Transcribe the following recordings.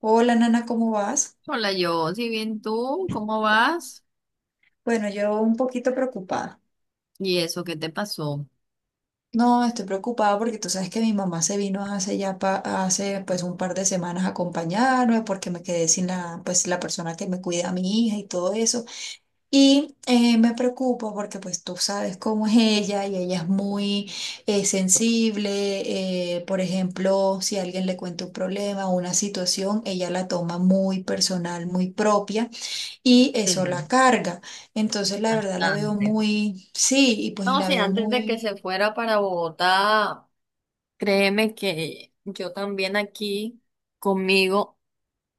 Hola, Nana, ¿cómo vas? Hola, yo, si bien tú, ¿cómo vas? Bueno, yo un poquito preocupada. ¿Y eso qué te pasó? No, estoy preocupada porque tú sabes que mi mamá se vino hace ya hace pues un par de semanas a acompañarme porque me quedé sin la persona que me cuida a mi hija y todo eso. Y me preocupa porque pues tú sabes cómo es ella y ella es muy sensible. Por ejemplo, si alguien le cuenta un problema o una situación, ella la toma muy personal, muy propia. Y eso la Sí, carga. Entonces, la verdad la veo bastante. muy, sí, y pues No, la sí, veo antes de que muy se fuera para Bogotá, créeme que yo también aquí conmigo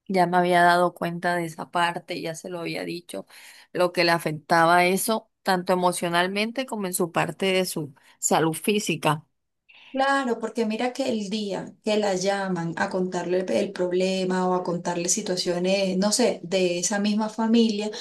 ya me había dado cuenta de esa parte, ya se lo había dicho, lo que le afectaba eso, tanto emocionalmente como en su parte de su salud física. claro, porque mira que el día que la llaman a contarle el problema o a contarle situaciones, no sé, de esa misma familia,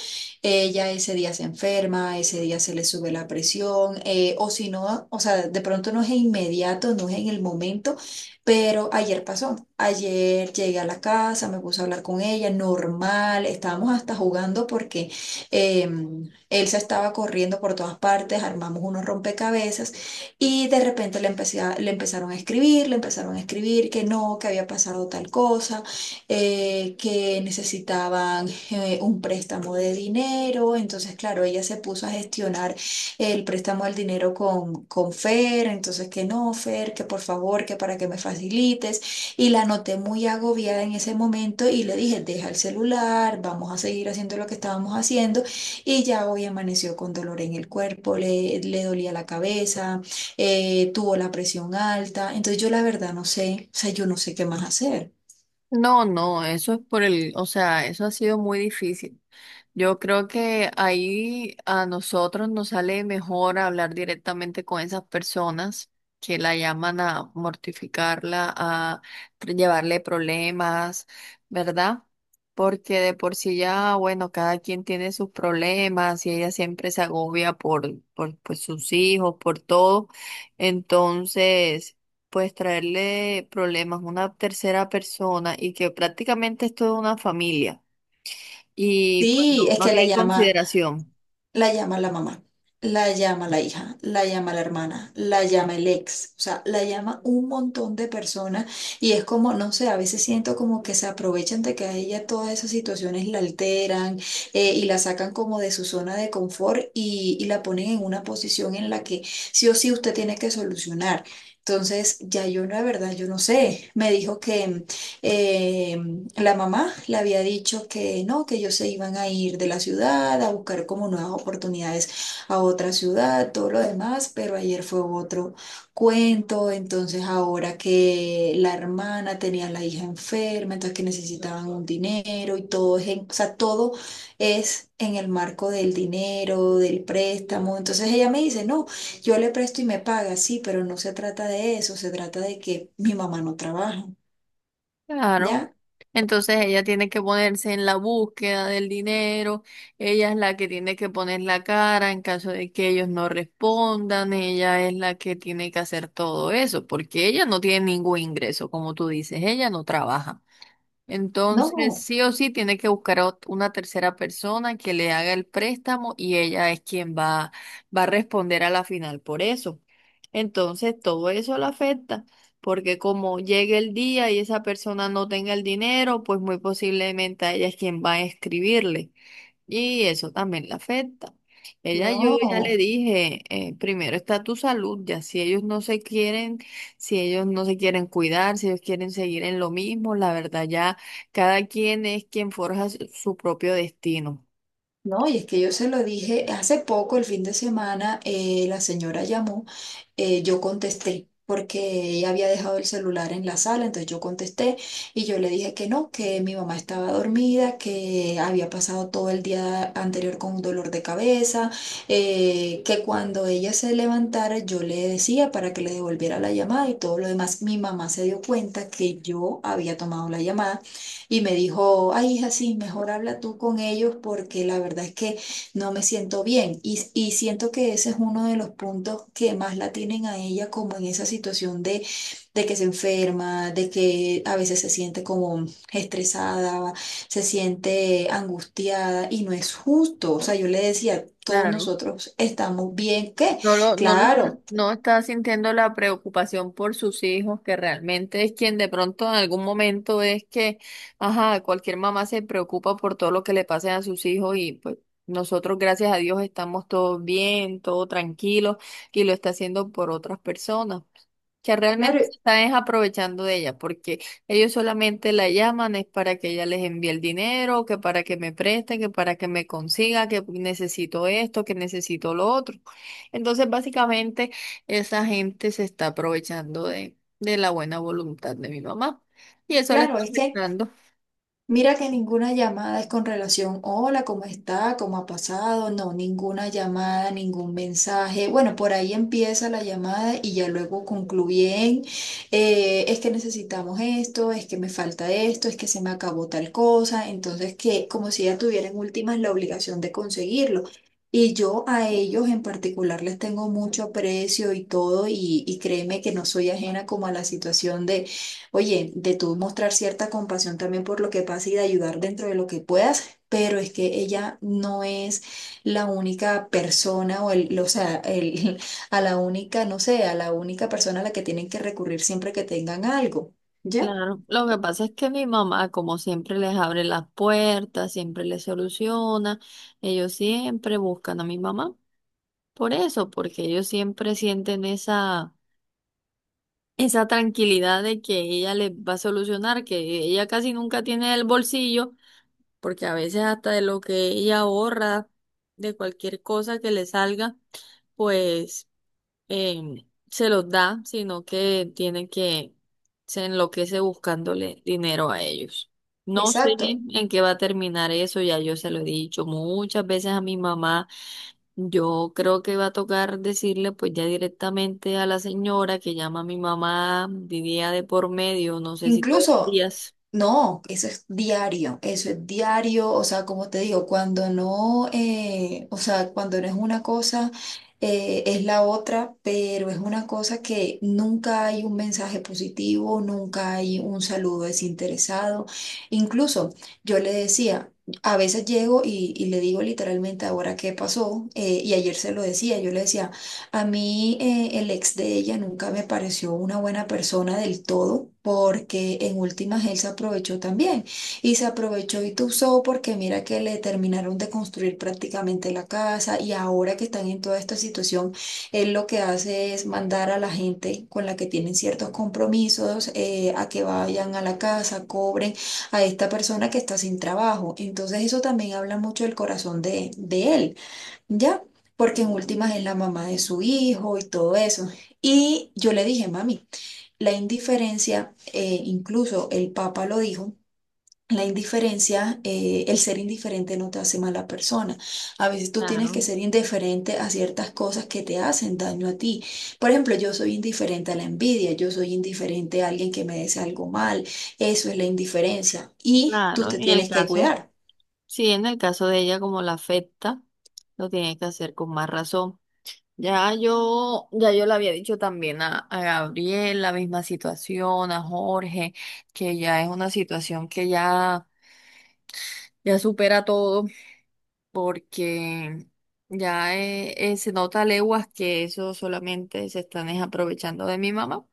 ella ese día se enferma, ese día se le sube la presión, o si no, o sea, de pronto no es inmediato, no es en el momento, pero ayer pasó. Ayer llegué a la casa, me puse a hablar con ella, normal, estábamos hasta jugando porque él se estaba corriendo por todas partes, armamos unos rompecabezas y de repente le empezaron a escribir, le empezaron a escribir que no, que había pasado tal cosa, que necesitaban un préstamo de dinero, entonces claro, ella se puso a gestionar el préstamo del dinero con Fer, entonces que no, Fer, que por favor, que para que me facilites, y la noté muy agobiada en ese momento y le dije, deja el celular, vamos a seguir haciendo lo que estábamos haciendo, y ya hoy amaneció con dolor en el cuerpo, le dolía la cabeza, tuvo la presión alta, entonces yo la verdad no sé, o sea, yo no sé qué más hacer. No, no, eso es por el, o sea, eso ha sido muy difícil. Yo creo que ahí a nosotros nos sale mejor hablar directamente con esas personas que la llaman a mortificarla, a llevarle problemas, ¿verdad? Porque de por sí ya, bueno, cada quien tiene sus problemas y ella siempre se agobia por pues, sus hijos, por todo. Entonces, pues traerle problemas a una tercera persona y que prácticamente es toda una familia y pues Sí, no, es no que la tiene llama, consideración. la llama la mamá, la llama la hija, la llama la hermana, la llama el ex, o sea, la llama un montón de personas y es como, no sé, a veces siento como que se aprovechan de que a ella todas esas situaciones la alteran y la sacan como de su zona de confort y la ponen en una posición en la que sí o sí usted tiene que solucionar. Entonces, ya yo no, de verdad, yo no sé. Me dijo que, eh, la mamá le había dicho que no, que ellos se iban a ir de la ciudad a buscar como nuevas oportunidades a otra ciudad, todo lo demás, pero ayer fue otro cuento, entonces ahora que la hermana tenía a la hija enferma, entonces que necesitaban un dinero y o sea, todo es en el marco del dinero, del préstamo, entonces ella me dice, no, yo le presto y me paga, sí, pero no se trata de eso, se trata de que mi mamá no trabaja. Claro. ¿Ya? Entonces ella tiene que ponerse en la búsqueda del dinero, ella es la que tiene que poner la cara en caso de que ellos no respondan, ella es la que tiene que hacer todo eso, porque ella no tiene ningún ingreso, como tú dices, ella no trabaja. Entonces, No, sí o sí, tiene que buscar a una tercera persona que le haga el préstamo y ella es quien va, va a responder a la final por eso. Entonces, todo eso la afecta, porque como llegue el día y esa persona no tenga el dinero, pues muy posiblemente a ella es quien va a escribirle. Y eso también le afecta. Ella, yo ya le no, dije, primero está tu salud, ya si ellos no se quieren, si ellos no se quieren cuidar, si ellos quieren seguir en lo mismo, la verdad ya cada quien es quien forja su propio destino. no, y es que yo se lo dije hace poco, el fin de semana, la señora llamó, yo contesté, porque ella había dejado el celular en la sala, entonces yo contesté y yo le dije que no, que mi mamá estaba dormida, que había pasado todo el día anterior con un dolor de cabeza, que cuando ella se levantara yo le decía para que le devolviera la llamada y todo lo demás. Mi mamá se dio cuenta que yo había tomado la llamada y me dijo, ay, hija, sí, mejor habla tú con ellos porque la verdad es que no me siento bien. Y siento que ese es uno de los puntos que más la tienen a ella como en esa situación de que se enferma, de que a veces se siente como estresada, se siente angustiada y no es justo. O sea, yo le decía, todos Claro. nosotros estamos bien, ¿qué? No lo, no lo está, Claro, no está sintiendo la preocupación por sus hijos, que realmente es quien de pronto en algún momento es que, ajá, cualquier mamá se preocupa por todo lo que le pase a sus hijos y pues nosotros, gracias a Dios, estamos todos bien, todo tranquilo y lo está haciendo por otras personas que realmente se claro, están es aprovechando de ella, porque ellos solamente la llaman es para que ella les envíe el dinero, que para que me preste, que para que me consiga, que necesito esto, que necesito lo otro. Entonces, básicamente, esa gente se está aprovechando de la buena voluntad de mi mamá y eso la claro, está es que... afectando. Mira que ninguna llamada es con relación, hola, ¿cómo está? ¿Cómo ha pasado? No, ninguna llamada, ningún mensaje. Bueno, por ahí empieza la llamada y ya luego concluyen, es que necesitamos esto, es que me falta esto, es que se me acabó tal cosa. Entonces, que como si ya tuvieran últimas la obligación de conseguirlo. Y yo a ellos en particular les tengo mucho aprecio y todo, y créeme que no soy ajena como a la situación de oye, de tú mostrar cierta compasión también por lo que pasa y de ayudar dentro de lo que puedas, pero es que ella no es la única persona o el, o sea, el, a la única, no sé, a la única persona a la que tienen que recurrir siempre que tengan algo. ¿Ya? Claro, lo que pasa es que mi mamá, como siempre, les abre las puertas, siempre les soluciona, ellos siempre buscan a mi mamá. Por eso, porque ellos siempre sienten esa, esa tranquilidad de que ella les va a solucionar, que ella casi nunca tiene el bolsillo, porque a veces hasta de lo que ella ahorra, de cualquier cosa que le salga, pues se los da, sino que tiene que se enloquece buscándole dinero a ellos. No sé Exacto. en qué va a terminar eso, ya yo se lo he dicho muchas veces a mi mamá. Yo creo que va a tocar decirle pues ya directamente a la señora que llama a mi mamá día de por medio, no sé si todos los Incluso, días. no, eso es diario, o sea, como te digo, cuando no, o sea, cuando no es una cosa, es la otra, pero es una cosa que nunca hay un mensaje positivo, nunca hay un saludo desinteresado. Incluso yo le decía, a veces llego y le digo literalmente ahora qué pasó, y ayer se lo decía, yo le decía, a mí el ex de ella nunca me pareció una buena persona del todo porque en últimas él se aprovechó también y se aprovechó y tuzó porque mira que le terminaron de construir prácticamente la casa y ahora que están en toda esta situación, él lo que hace es mandar a la gente con la que tienen ciertos compromisos a que vayan a la casa, cobren a esta persona que está sin trabajo. Entonces eso también habla mucho del corazón de él, ¿ya? Porque en últimas es la mamá de su hijo y todo eso. Y yo le dije, mami, la indiferencia, incluso el Papa lo dijo, la indiferencia, el ser indiferente no te hace mala persona. A veces tú tienes que Claro, ser indiferente a ciertas cosas que te hacen daño a ti. Por ejemplo, yo soy indiferente a la envidia, yo soy indiferente a alguien que me desea algo mal. Eso es la indiferencia. Y tú claro, te en el tienes que caso. cuidar. Sí, en el caso de ella, como la afecta, lo tiene que hacer con más razón. Ya yo le había dicho también a Gabriel la misma situación, a Jorge, que ya es una situación que ya, ya supera todo, porque ya se nota a leguas que eso solamente se están es aprovechando de mi mamá.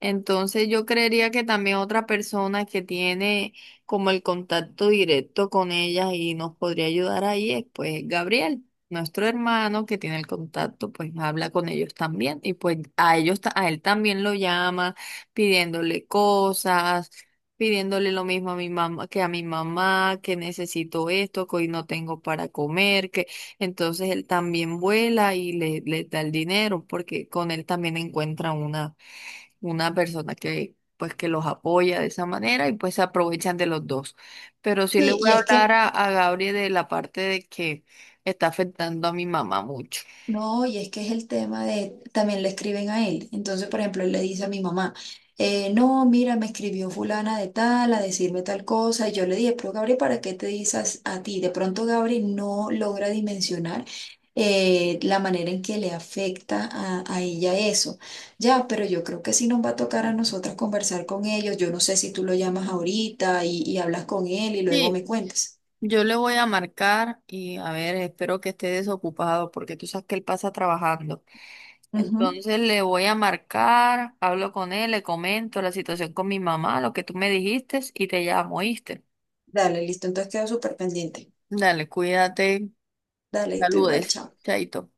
Entonces yo creería que también otra persona que tiene como el contacto directo con ellas y nos podría ayudar ahí es pues Gabriel, nuestro hermano que tiene el contacto, pues habla con ellos también y pues a ellos a él también lo llama pidiéndole cosas, pidiéndole lo mismo a mi mamá que a mi mamá, que necesito esto, que hoy no tengo para comer, que entonces él también vuela y le da el dinero porque con él también encuentran una persona que pues que los apoya de esa manera y pues se aprovechan de los dos. Pero sí le Sí, voy y a es hablar que... a Gabriel de la parte de que está afectando a mi mamá mucho. No, y es que es el tema de, también le escriben a él. Entonces, por ejemplo, él le dice a mi mamá, no, mira, me escribió fulana de tal a decirme tal cosa. Y yo le dije, pero Gabriel, ¿para qué te dices a ti? De pronto Gabriel no logra dimensionar la manera en que le afecta a ella eso. Ya, pero yo creo que sí nos va a tocar a nosotras conversar con ellos. Yo no sé si tú lo llamas ahorita y hablas con él y luego me Sí, cuentas. yo le voy a marcar y a ver, espero que esté desocupado porque tú sabes que él pasa trabajando. Ujú. Entonces le voy a marcar, hablo con él, le comento la situación con mi mamá, lo que tú me dijiste y te llamo, ¿oíste? Dale, listo. Entonces quedo súper pendiente. Dale, cuídate, Dale, tú igual, saludes, chao. chaito.